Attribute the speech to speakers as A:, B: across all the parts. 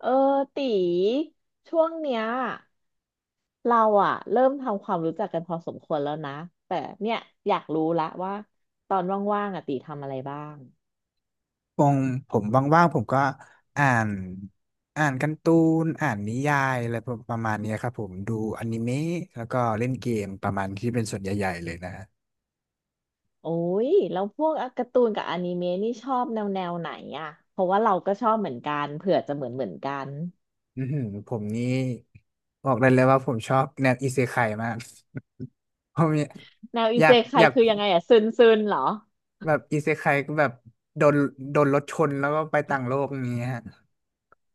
A: เออตีช่วงเนี้ยเราอะเริ่มทำความรู้จักกันพอสมควรแล้วนะแต่เนี่ยอยากรู้ละว่าตอนว่างๆอะตีทำอะไรบ้าง
B: ปงผมว่างๆผมก็อ่านอ่านการ์ตูนอ่านนิยายอะไรประมาณเนี้ยครับผมดูอนิเมะแล้วก็เล่นเกมประมาณที่เป็นส่วนใหญ่ๆเลยนะฮะ
A: โอ้ยแล้วพวกการ์ตูนกับอนิเมะนี่ชอบแนวแนวไหนอะเพราะว่าเราก็ชอบเหมือนกันเผื่อจะเหมือนกัน
B: อือหือผมนี่บอกได้เลยว่าผมชอบแนวอิเซไคมาก ผม
A: แนวอิ
B: อยา
A: เซ
B: ก
A: ไค
B: อยาก
A: คือยังไงอะซึนซึนเหรอ
B: แบบอิเซไคก็แบบโดนโดนรถชนแล้วก็ไปต่างโลกอย่างเงี้ยฮะ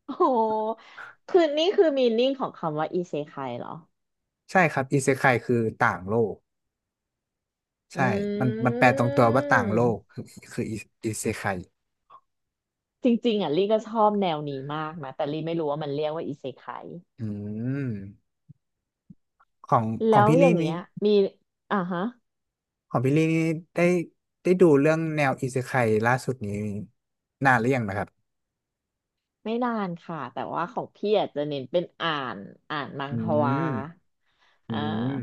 A: โอ้โหคือนี่คือมีนิ่งของคำว่าอิเซไคเหรอ
B: ใช่ครับอิเซไคคือต่างโลก
A: อ
B: ใช่มัน
A: ื
B: มันแปลตรงตัวว่าต่างโล
A: ม
B: กคือคืออิอิเซไค
A: จริงๆอ่ะลี่ก็ชอบแนวนี้มากนะแต่ลี่ไม่รู้ว่ามันเรียกว่าอิเซไค
B: อืม ของข
A: แล้
B: อง
A: ว
B: พี่
A: อย่า
B: ลี่
A: งเงี้
B: นี่
A: ยมีอ่าฮะ
B: ของพี่ลี่นี่ได้ได้ดูเรื่องแนวอิเซไคล่าสุดนี้นานหรือยังนะครับ
A: ไม่นานค่ะแต่ว่าของพี่อาจจะเน้นเป็นนอ่านมัง
B: อื
A: ฮวา
B: มอื
A: อ่า
B: ม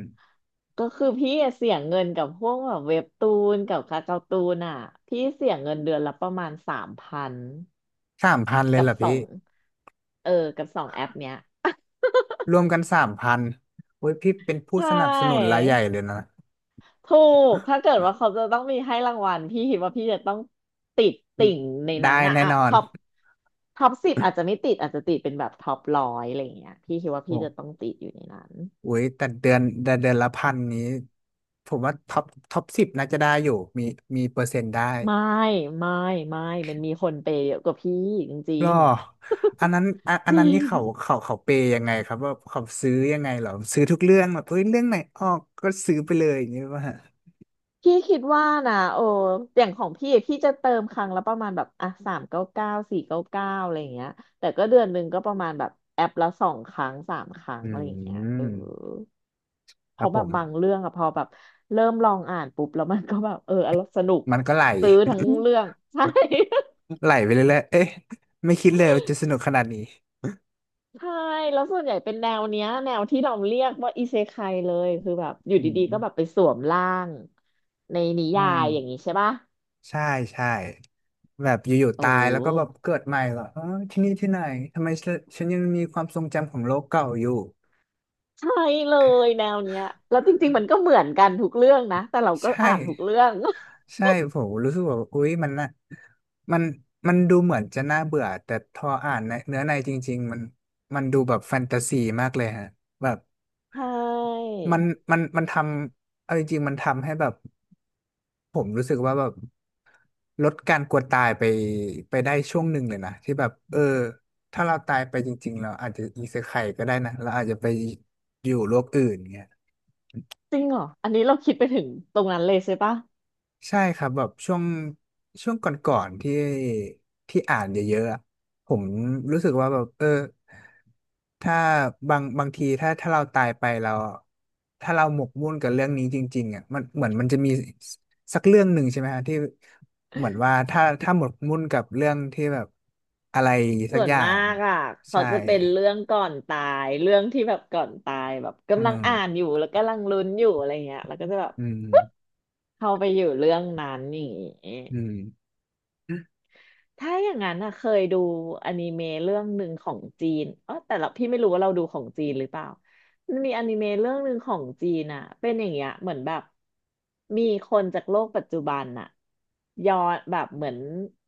A: ก็คือพี่อะเสียเงินกับพวกแบบเว็บตูนกับคาเกาตูนอ่ะพี่เสียเงินเดือนละประมาณ3,000
B: สามพันเลย
A: กับ
B: เหรอ
A: สอ
B: พี่
A: งเออกับสองแอปเนี้ย
B: รวมกันสามพันโอ้ยพี่เป็นผู้
A: ใช่
B: สนับสนุนรายใหญ่เลยนะ
A: ถูกถ้าเกิดว่าเขาจะต้องมีให้รางวัลพี่คิดว่าพี่จะต้องติดติ่งใน
B: ได้
A: นั้นอะ
B: แน่
A: อะ
B: นอน
A: ท็อปท็อปสิบอาจจะไม่ติดอาจจะติดเป็นแบบท็อปร้อยอะไรอย่างเงี้ยพี่คิดว่า
B: โอ้
A: พี่จะต้องติดอยู่ในนั้น
B: โยแต่เดือนละพันนี้ผมว่าท็อป10น่าจะได้อยู่มีมีเปอร์เซ็นต์ได้
A: ไม่ไม่ไม่มันมีคนเปย์เยอะกว่าพี่จริ
B: หรอ
A: ง
B: อันนั้นอันอั
A: ๆจ
B: น
A: ริ
B: นั้นนี่
A: ง
B: เขาเปย์ยังไงครับว่าเขาซื้อยังไงเหรอซื้อทุกเรื่องแบบเอ้ยเรื่องไหนออกก็ซื้อไปเลยอย่างนี้ป่ะฮะ
A: พี่คิดว่านะโอ้อย่างของพี่อะพี่จะเติมครั้งละประมาณแบบอ่ะสามเก้าเก้าสี่เก้าเก้าอะไรอย่างเงี้ยแต่ก็เดือนหนึ่งก็ประมาณแบบแอปละสองครั้งสามครั้ง
B: อื
A: อะไรอย่างเงี้ยเออ
B: ม
A: เพ
B: ครับ
A: ราะ
B: ผ
A: แบบ
B: ม
A: บางเรื่องอะพอแบบเริ่มลองอ่านปุ๊บแล้วมันก็แบบเอออร่อยสนุก
B: มันก็ไหล
A: ซื้อทั้งเรื่อง ใช่
B: ไหลไปเรื่อยๆเอ๊ะไม่คิดเลยว่าจะสนุกขนาดนี้
A: ใช่แล้วส่วนใหญ่เป็นแนวเนี้ยแนวที่เราเรียกว่าอิเซไคเลยคือแบบอยู่
B: อื
A: ดีๆก็แบบ
B: ม
A: ไปสวมร่างในนิ
B: อ๋อ
A: ยายอย่างนี้ใช่ปะ
B: ใช่ใช่แบบอยู่
A: เ
B: ๆตายแล้วก็แบบ
A: ออ
B: เกิดใหม่เหรอเออที่นี่ที่ไหนทำไมฉันยังมีความทรงจำของโลกเก่าอยู่
A: ใช่เลยแนวเนี้ยแล้วจริงๆมันก็เหมือนกันทุกเรื่องนะแต่เราก็
B: ใช่
A: อ่านทุกเรื่อง
B: ใช่ผมรู้สึกว่าอุ๊ยมันน่ะมันมันดูเหมือนจะน่าเบื่อแต่พออ่านในเนื้อในจริงๆมันดูแบบแฟนตาซีมากเลยฮะแบบ
A: ใช่
B: มันมันทำเอาจริงๆมันทำให้แบบผมรู้สึกว่าแบบลดการกลัวตายไปได้ช่วงหนึ่งเลยนะที่แบบเออถ้าเราตายไปจริงๆเราอาจจะอีเซไคก็ได้นะเราอาจจะไปอยู่โลกอื่นเงี้ย
A: จริงเหรออันนี้เราคิดไปถึงตรงนั้นเลยใช่ปะ
B: ใช่ครับแบบช่วงก่อนๆที่อ่านเยอะๆอะผมรู้สึกว่าแบบเออถ้าบางทีถ้าเราตายไปเราถ้าเราหมกมุ่นกับเรื่องนี้จริงๆอ่ะมันเหมือนมันจะมีสักเรื่องหนึ่งใช่ไหมฮะที่เหมือนว่าถ้าหมกมุ่นกับเรื่องที่แบบอะไรสั
A: ส่
B: ก
A: ว
B: อ
A: น
B: ย่า
A: มา
B: ง
A: กอ่ะเขา
B: ใช่
A: จะเป็นเรื่องก่อนตายเรื่องที่แบบก่อนตายแบบ
B: อื
A: กำลัง
B: ม
A: อ่านอยู่แล้วกำลังลุ้นอยู่อะไรเงี้ยแล้วก็จะแบบ
B: อืม
A: เข้าไปอยู่เรื่องนั้นนี่างงี้
B: อืม
A: ถ้าอย่างนั้นอะเคยดูอนิเมะเรื่องหนึ่งของจีนอ๋อแต่เราพี่ไม่รู้ว่าเราดูของจีนหรือเปล่ามันมีอนิเมะเรื่องหนึ่งของจีนอะเป็นอย่างเงี้ยเหมือนแบบมีคนจากโลกปัจจุบันอะย้อนแบบเหมือน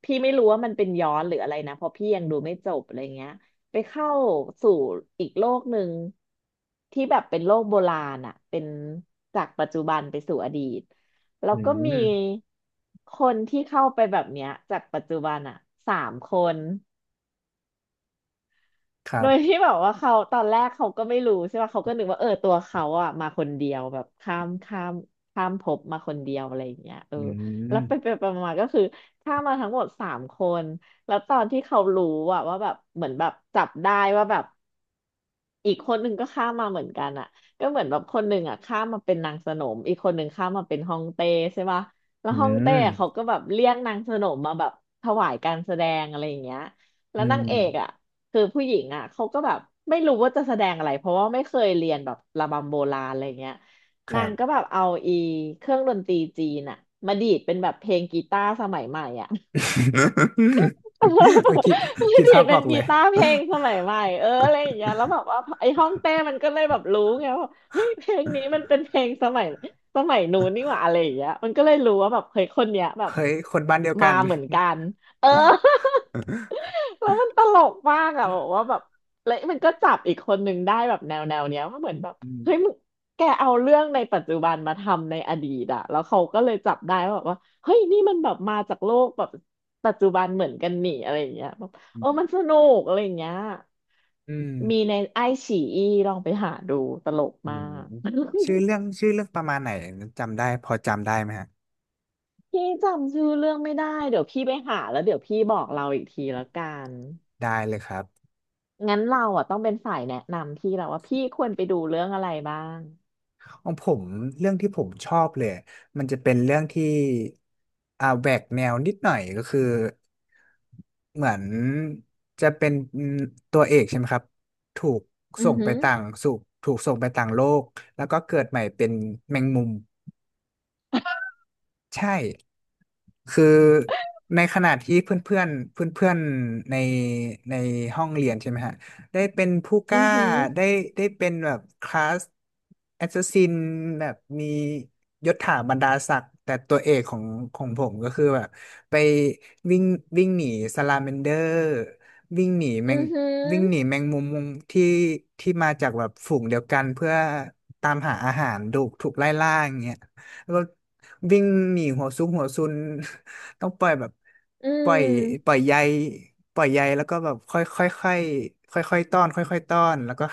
A: พี่ไม่รู้ว่ามันเป็นย้อนหรืออะไรนะเพราะพี่ยังดูไม่จบอะไรเงี้ยไปเข้าสู่อีกโลกหนึ่งที่แบบเป็นโลกโบราณอะเป็นจากปัจจุบันไปสู่อดีต แล้
B: อื
A: วก็มี
B: ม
A: คนที่เข้าไปแบบเนี้ยจากปัจจุบันอ่ะสามคน
B: ครั
A: โดย
B: บ
A: ที่แบบว่าเขาตอนแรกเขาก็ไม่รู้ใช่ป่ะเขาก็นึกว่าเออตัวเขาอ่ะมาคนเดียวแบบข้ามภพมาคนเดียวอะไรอย่างเงี้ยเออ
B: อื
A: แล้วไปไป
B: ม
A: ไปมาๆก็คือข้ามมาทั้งหมดสามคนแล้วตอนที่เขารู้อ่ะว่าแบบเหมือนแบบจับได้ว่าแบบ อีกคนหนึ่งก็ข้ามมาเหมือนกันอ่ะก็เหมือนแบบคนหนึ่งอ่ะข้ามมาเป็นนางสนมอีกคนหนึ่งข้ามมาเป็นฮ่องเต้ใช่ป่ะแล้ว
B: อื
A: ฮ่อง
B: ม
A: เต้อะเขาก็แบบเรียกนางสนมมาแบบถวายการแสดงอะไรอย่างเงี้ยแล้
B: อื
A: วนาง
B: ม
A: เอกอ่ะคือผู้หญิงอ่ะเขาก็แบบไม่รู้ว่าจะแสดงอะไรเพราะว่าไม่เคยเรียนแบบระบำโบราณอะไรเงี้ย
B: ค
A: นา
B: รั
A: ง
B: บ
A: ก็แบบเอาอีเครื่องดนตรีจีนอ่ะมาดีดเป็นแบบเพลงกีตาร์สมัยใหม่อ่ะ
B: เออคิด
A: ไม่
B: คิด
A: ดี
B: ภา
A: ด
B: พอ
A: เป็
B: อ
A: น
B: กเล
A: กี
B: ย
A: ตาร์เพลงสมัยใหม่เอออะไรอย่างเงี้ยแล้วแบบว่าไอ้ห้องเต้มันก็เลยแบบรู้ไงว่าเฮ้ยเพลงนี้มันเป็นเพลงสมัยสมัยนู้นนี่หว่าอะไรอย่างเงี้ยมันก็เลยรู้ว่าแบบเฮ้ยคนเนี้ยแบบ
B: เฮ้ยคนบ้านเดียว
A: มา
B: กัน
A: เหมือนกันเออ แล้วมันตลกมากอะบอกว่าแบบแล้วมันก็จับอีกคนหนึ่งได้แบบแนวแนวเนี้ยว่าเหมือนแบบ
B: อืม
A: เฮ้ยมึงแกเอาเรื่องในปัจจุบันมาทำในอดีตอะแล้วเขาก็เลยจับได้ว่าแบบว่า เฮ้ยนี่มันแบบมาจากโลกแบบปัจจุบันเหมือนกันนี่อะไรอย่างเงี้ยแบบ
B: อื
A: เออมันส
B: ม
A: นุกอะไรอย่างเงี้ย
B: อืม
A: มีในไอฉีอีลองไปหาดูตลก
B: อื
A: มา
B: ม
A: ก
B: ชื่อเรื่องประมาณไหนจำได้พอจำได้ไหมฮะ
A: พี่จำชื่อเรื่องไม่ได้เดี๋ยวพี่ไปหาแล้วเดี๋ยวพี่บอกเราอีกทีละกัน
B: ได้เลยครับ
A: งั้นเราอ่ะต้องเป็นฝ่ายแนะนำพี่แล้วว่าพี่ควรไปดูเรื่องอะไรบ้าง
B: ของผมเรื่องที่ผมชอบเลยมันจะเป็นเรื่องที่แหวกแนวนิดหน่อยก็คือเหมือนจะเป็นตัวเอกใช่ไหมครับถูก
A: อื
B: ส่
A: อ
B: งไป
A: หือ
B: ต่างสู่ถูกส่งไปต่างโลกแล้วก็เกิดใหม่เป็นแมงมุม ใช่คือในขณะที่เพื่อนเพื่อนเพื่อนเพื่อนๆในห้องเรียนใช่ไหมฮะได้เป็นผู้ก
A: อื
B: ล้า
A: อหือ
B: ได้ได้เป็นแบบคลาสแอสซ s สซินแบบมียศถาบรรดาศักดิ์แต่ตัวเอกของผมก็คือแบบไปวิ่งวิ่งหนีสลาแมนเดอร์วิ่งหนีแม
A: อื
B: ง
A: อหื
B: วิ่งหนี
A: อ
B: แมงมุมที่ที่มาจากแบบฝูงเดียวกันเพื่อตามหาอาหารถูกไล่ล่าอย่างเงี้ยแล้ว วิ่งหนีหัวซุกหัวซุน ต้องปล่อยแบบ
A: อื
B: ปล่อยปล่
A: ม
B: อยใยแล้วก็แบบค่อยค่อยค่อยค่อยค่อยๆต้อนค่อยค่อยต้อนแล้วก็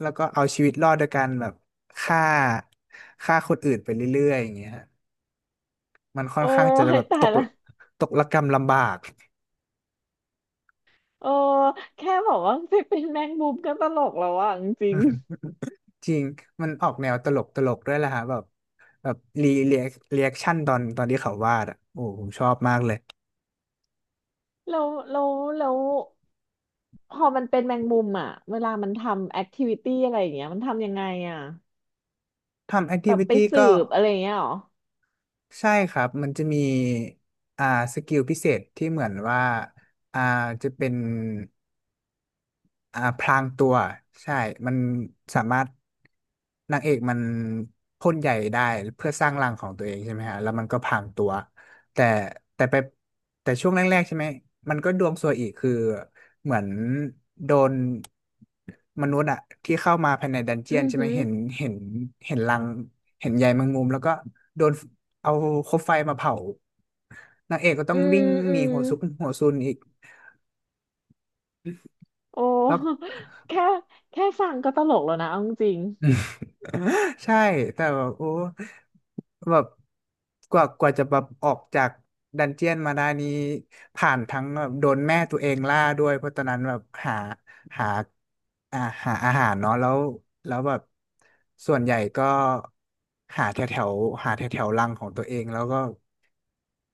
B: เอาชีวิตรอดโดยการแบบฆ่าฆ่าคนอื่นไปเรื่อยๆอย่างเงี้ยฮะมันค่อ
A: โอ้
B: นข้างจะ
A: ย
B: แบบ
A: ตา
B: ต
A: ย
B: ก
A: ละ
B: ตกระกำลำบาก
A: โอ้แค่บอกว่าไปเป็นแมงมุมก็ตลกแล้วอ่ะจ ริ
B: อื
A: ง
B: มจริงมันออกแนวตลกตลกด้วยแหละฮะแบบรีเรียกรีแอคชั่นตอนที่เขาวาดอ่ะโอ้ผมชอบมากเลย
A: แล้วแล้วแล้วพอมันเป็นแมงมุมอ่ะเวลามันทำแอคทิวิตี้อะไรอย่างเงี้ยมันทำยังไงอ่ะ
B: ทำแอค
A: แบ
B: ทิ
A: บ
B: วิ
A: ไป
B: ตี้
A: สื
B: ก็
A: บอะไรอย่างเงี้ยเหรอ
B: ใช่ครับมันจะมีอ่าสกิลพิเศษที่เหมือนว่าอ่าจะเป็น พรางตัวใช่มันสามารถนางเอกมันพ่นใหญ่ได้เพื่อสร้างรังของตัวเองใช่ไหมฮะแล้วมันก็พรางตัวแต่แต่ไปแต่ช่วงแรกๆใช่ไหมมันก็ดวงซวยอีกคือเหมือนโดนมนุษย์อะที่เข้ามาภายในดันเจี
A: อื
B: ยน
A: อ
B: ใช่ไหม
A: หือ
B: เห็นเห็นรังเห็นใยแมงมุมแล้วก็โดนเอาคบไฟมาเผานางเอกก็ต้อ
A: อื
B: ง
A: ม
B: วิ่ง
A: อื
B: หนี
A: ม
B: หัวซุกหัวซุนอีก
A: โอ้
B: แล้ว
A: แค่แค่ฟังก็ตลกแล้วนะเอาจริง
B: ใช่แต่แบบโอ้แบบกว่าจะแบบออกจากดันเจียนมาได้นี้ผ่านทั้งแบบโดนแม่ตัวเองล่าด้วยเพราะตอนนั้นแบบหาอ่าหาอาหารเนาะแล้วแบบส่วนใหญ่ก็หาแถวแถวหาแถวแถวรังของตัวเองแล้วก็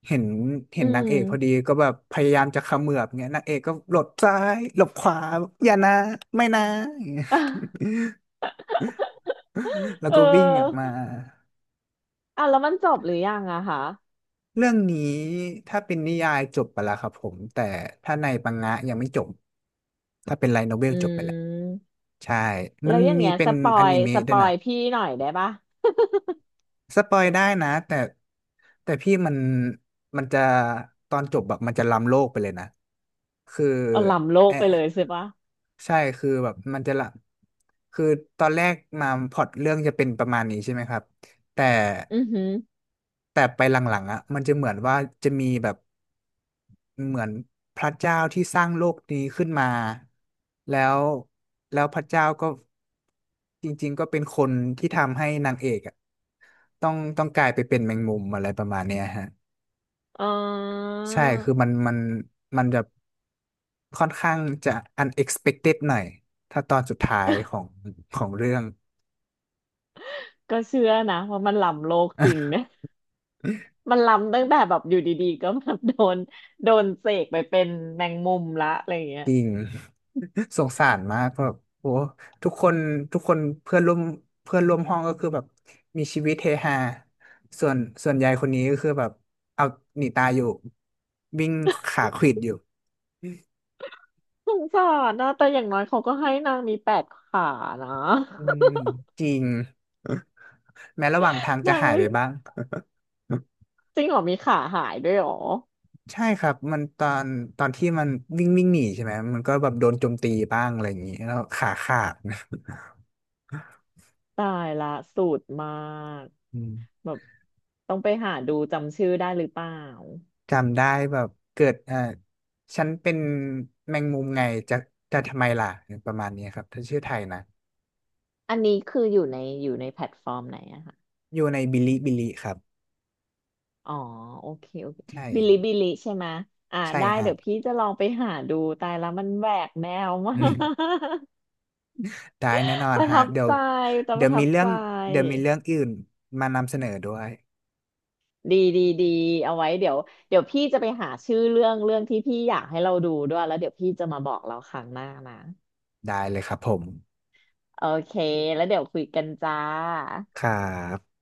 B: เห็น
A: ๆ
B: เห็
A: อื
B: นนาง
A: ม
B: เอกพอดีก็แบบพยายามจะเขมือบเงี้ยนางเอกก็หลบซ้ายหลบขวาอย่านะไม่นะ อย่างเงี้ย แล้ว
A: เอ
B: ก็วิ่งออกมา
A: อ อ่ะแล้วมันจบหรือยังอะคะ
B: เรื่องนี้ถ้าเป็นนิยายจบไปแล้วครับผมแต่ถ้าในปังงะยังไม่จบถ้าเป็นไลท์โนเวล
A: อื
B: จบไปแล้ว
A: ม
B: ใช่มั
A: แล้
B: น
A: วอย่าง
B: มี
A: เงี้ย
B: เป็
A: ส
B: น
A: ปอ
B: อ
A: ย
B: นิ
A: ส
B: เมะ
A: ป
B: ด้วย
A: อ
B: นะ
A: ยพี่หน่อยได้ปะ
B: สปอยได้นะแต่พี่มันจะตอนจบแบบมันจะล้ำโลกไปเลยนะคือ
A: เอาล้ำโลก
B: แอะ
A: ไปเลยใช่ปะ
B: ใช่คือแบบมันจะละคือตอนแรกมาพล็อตเรื่องจะเป็นประมาณนี้ใช่ไหมครับแต่
A: อือหือ
B: แต่ไปหลังๆอ่ะมันจะเหมือนว่าจะมีแบบ เหมือนพระเจ้าที่สร้างโลกนี้ขึ้นมาแล้วแล้วพระเจ้าก็จริงๆก็เป็นคนที่ทำให้นางเอกอะต้องกลายไปเป็นแมงมุมอะไรประมาณเนี้ยฮะ
A: อ๋อ
B: ใช่คือมันจะค่อนข้างจะ unexpected หน่อยถ้าตอนสุดท้ายของเรื่อง
A: ก็เชื่อนะว่ามันล้ำโลกจริงนะ มันล้ำตั้งแต่แบบอยู่ดีๆก็แบบโดนโดนเสกไปเป็นแมงมุมละอะไรอย่างเงี้ย
B: จริง สงสารมากแบบโอ้ทุกคนทุกคนเพื่อนร่วมห้องก็คือแบบมีชีวิตเฮฮาส่วนส่วนยายคนนี้ก็คือแบบเอาหนีตายอยู่วิ่งขาขวิดอยู่
A: สงสารนะแต่อย่างน้อยเขาก็ให้นางมีแปดขานะ
B: อืมจริงแม้ระหว่างทาง จะ
A: นาง
B: หายไป
A: วิ่ง
B: บ้าง
A: จริงเหรอมีขาหายด้วยเหรอ
B: ใช่ครับมันตอนที่มันวิ่งวิ่งหนีใช่ไหมมันก็แบบโดนโจมตีบ้างอะไรอย่างนี้แล้วขาขาด
A: ตายละสูตรมาก
B: อืม
A: แบบต้องไปหาดูจำชื่อได้หรือเปล่า
B: จำได้แบบเกิดฉันเป็นแมงมุมไงจะจะทำไมล่ะประมาณนี้ครับถ้าชื่อไทยนะ
A: อันนี้คืออยู่ในอยู่ในแพลตฟอร์มไหนอะคะ
B: อยู่ในบิลิบิลิครับ
A: อ๋อโอเคโอเค
B: ใช่
A: บิลิบิลิใช่ไหมะอ่า
B: ใช่
A: ได้
B: ฮะ
A: เดี๋ยวพี่จะลองไปหาดูตายละมันแหวกแนวมาก
B: อืมได้แน่นอน
A: ประ
B: ฮะ
A: ทับ
B: เดี๋ยว
A: ใจแต่ป
B: เดี๋ย
A: ระ
B: ว
A: ทั
B: มี
A: บ
B: เรื่อ
A: ใจ
B: งเดี๋ยวมีเรื่องอื่นมานำเสนอด้วย
A: ดีดีดีเอาไว้เดี๋ยวเดี๋ยวพี่จะไปหาชื่อเรื่องเรื่องที่พี่อยากให้เราดูด้วยแล้วเดี๋ยวพี่จะมาบอกเราครั้งหน้านะ
B: ได้เลยครับผม
A: โอเค แล้วเดี๋ยวคุยกันจ้า
B: ครับ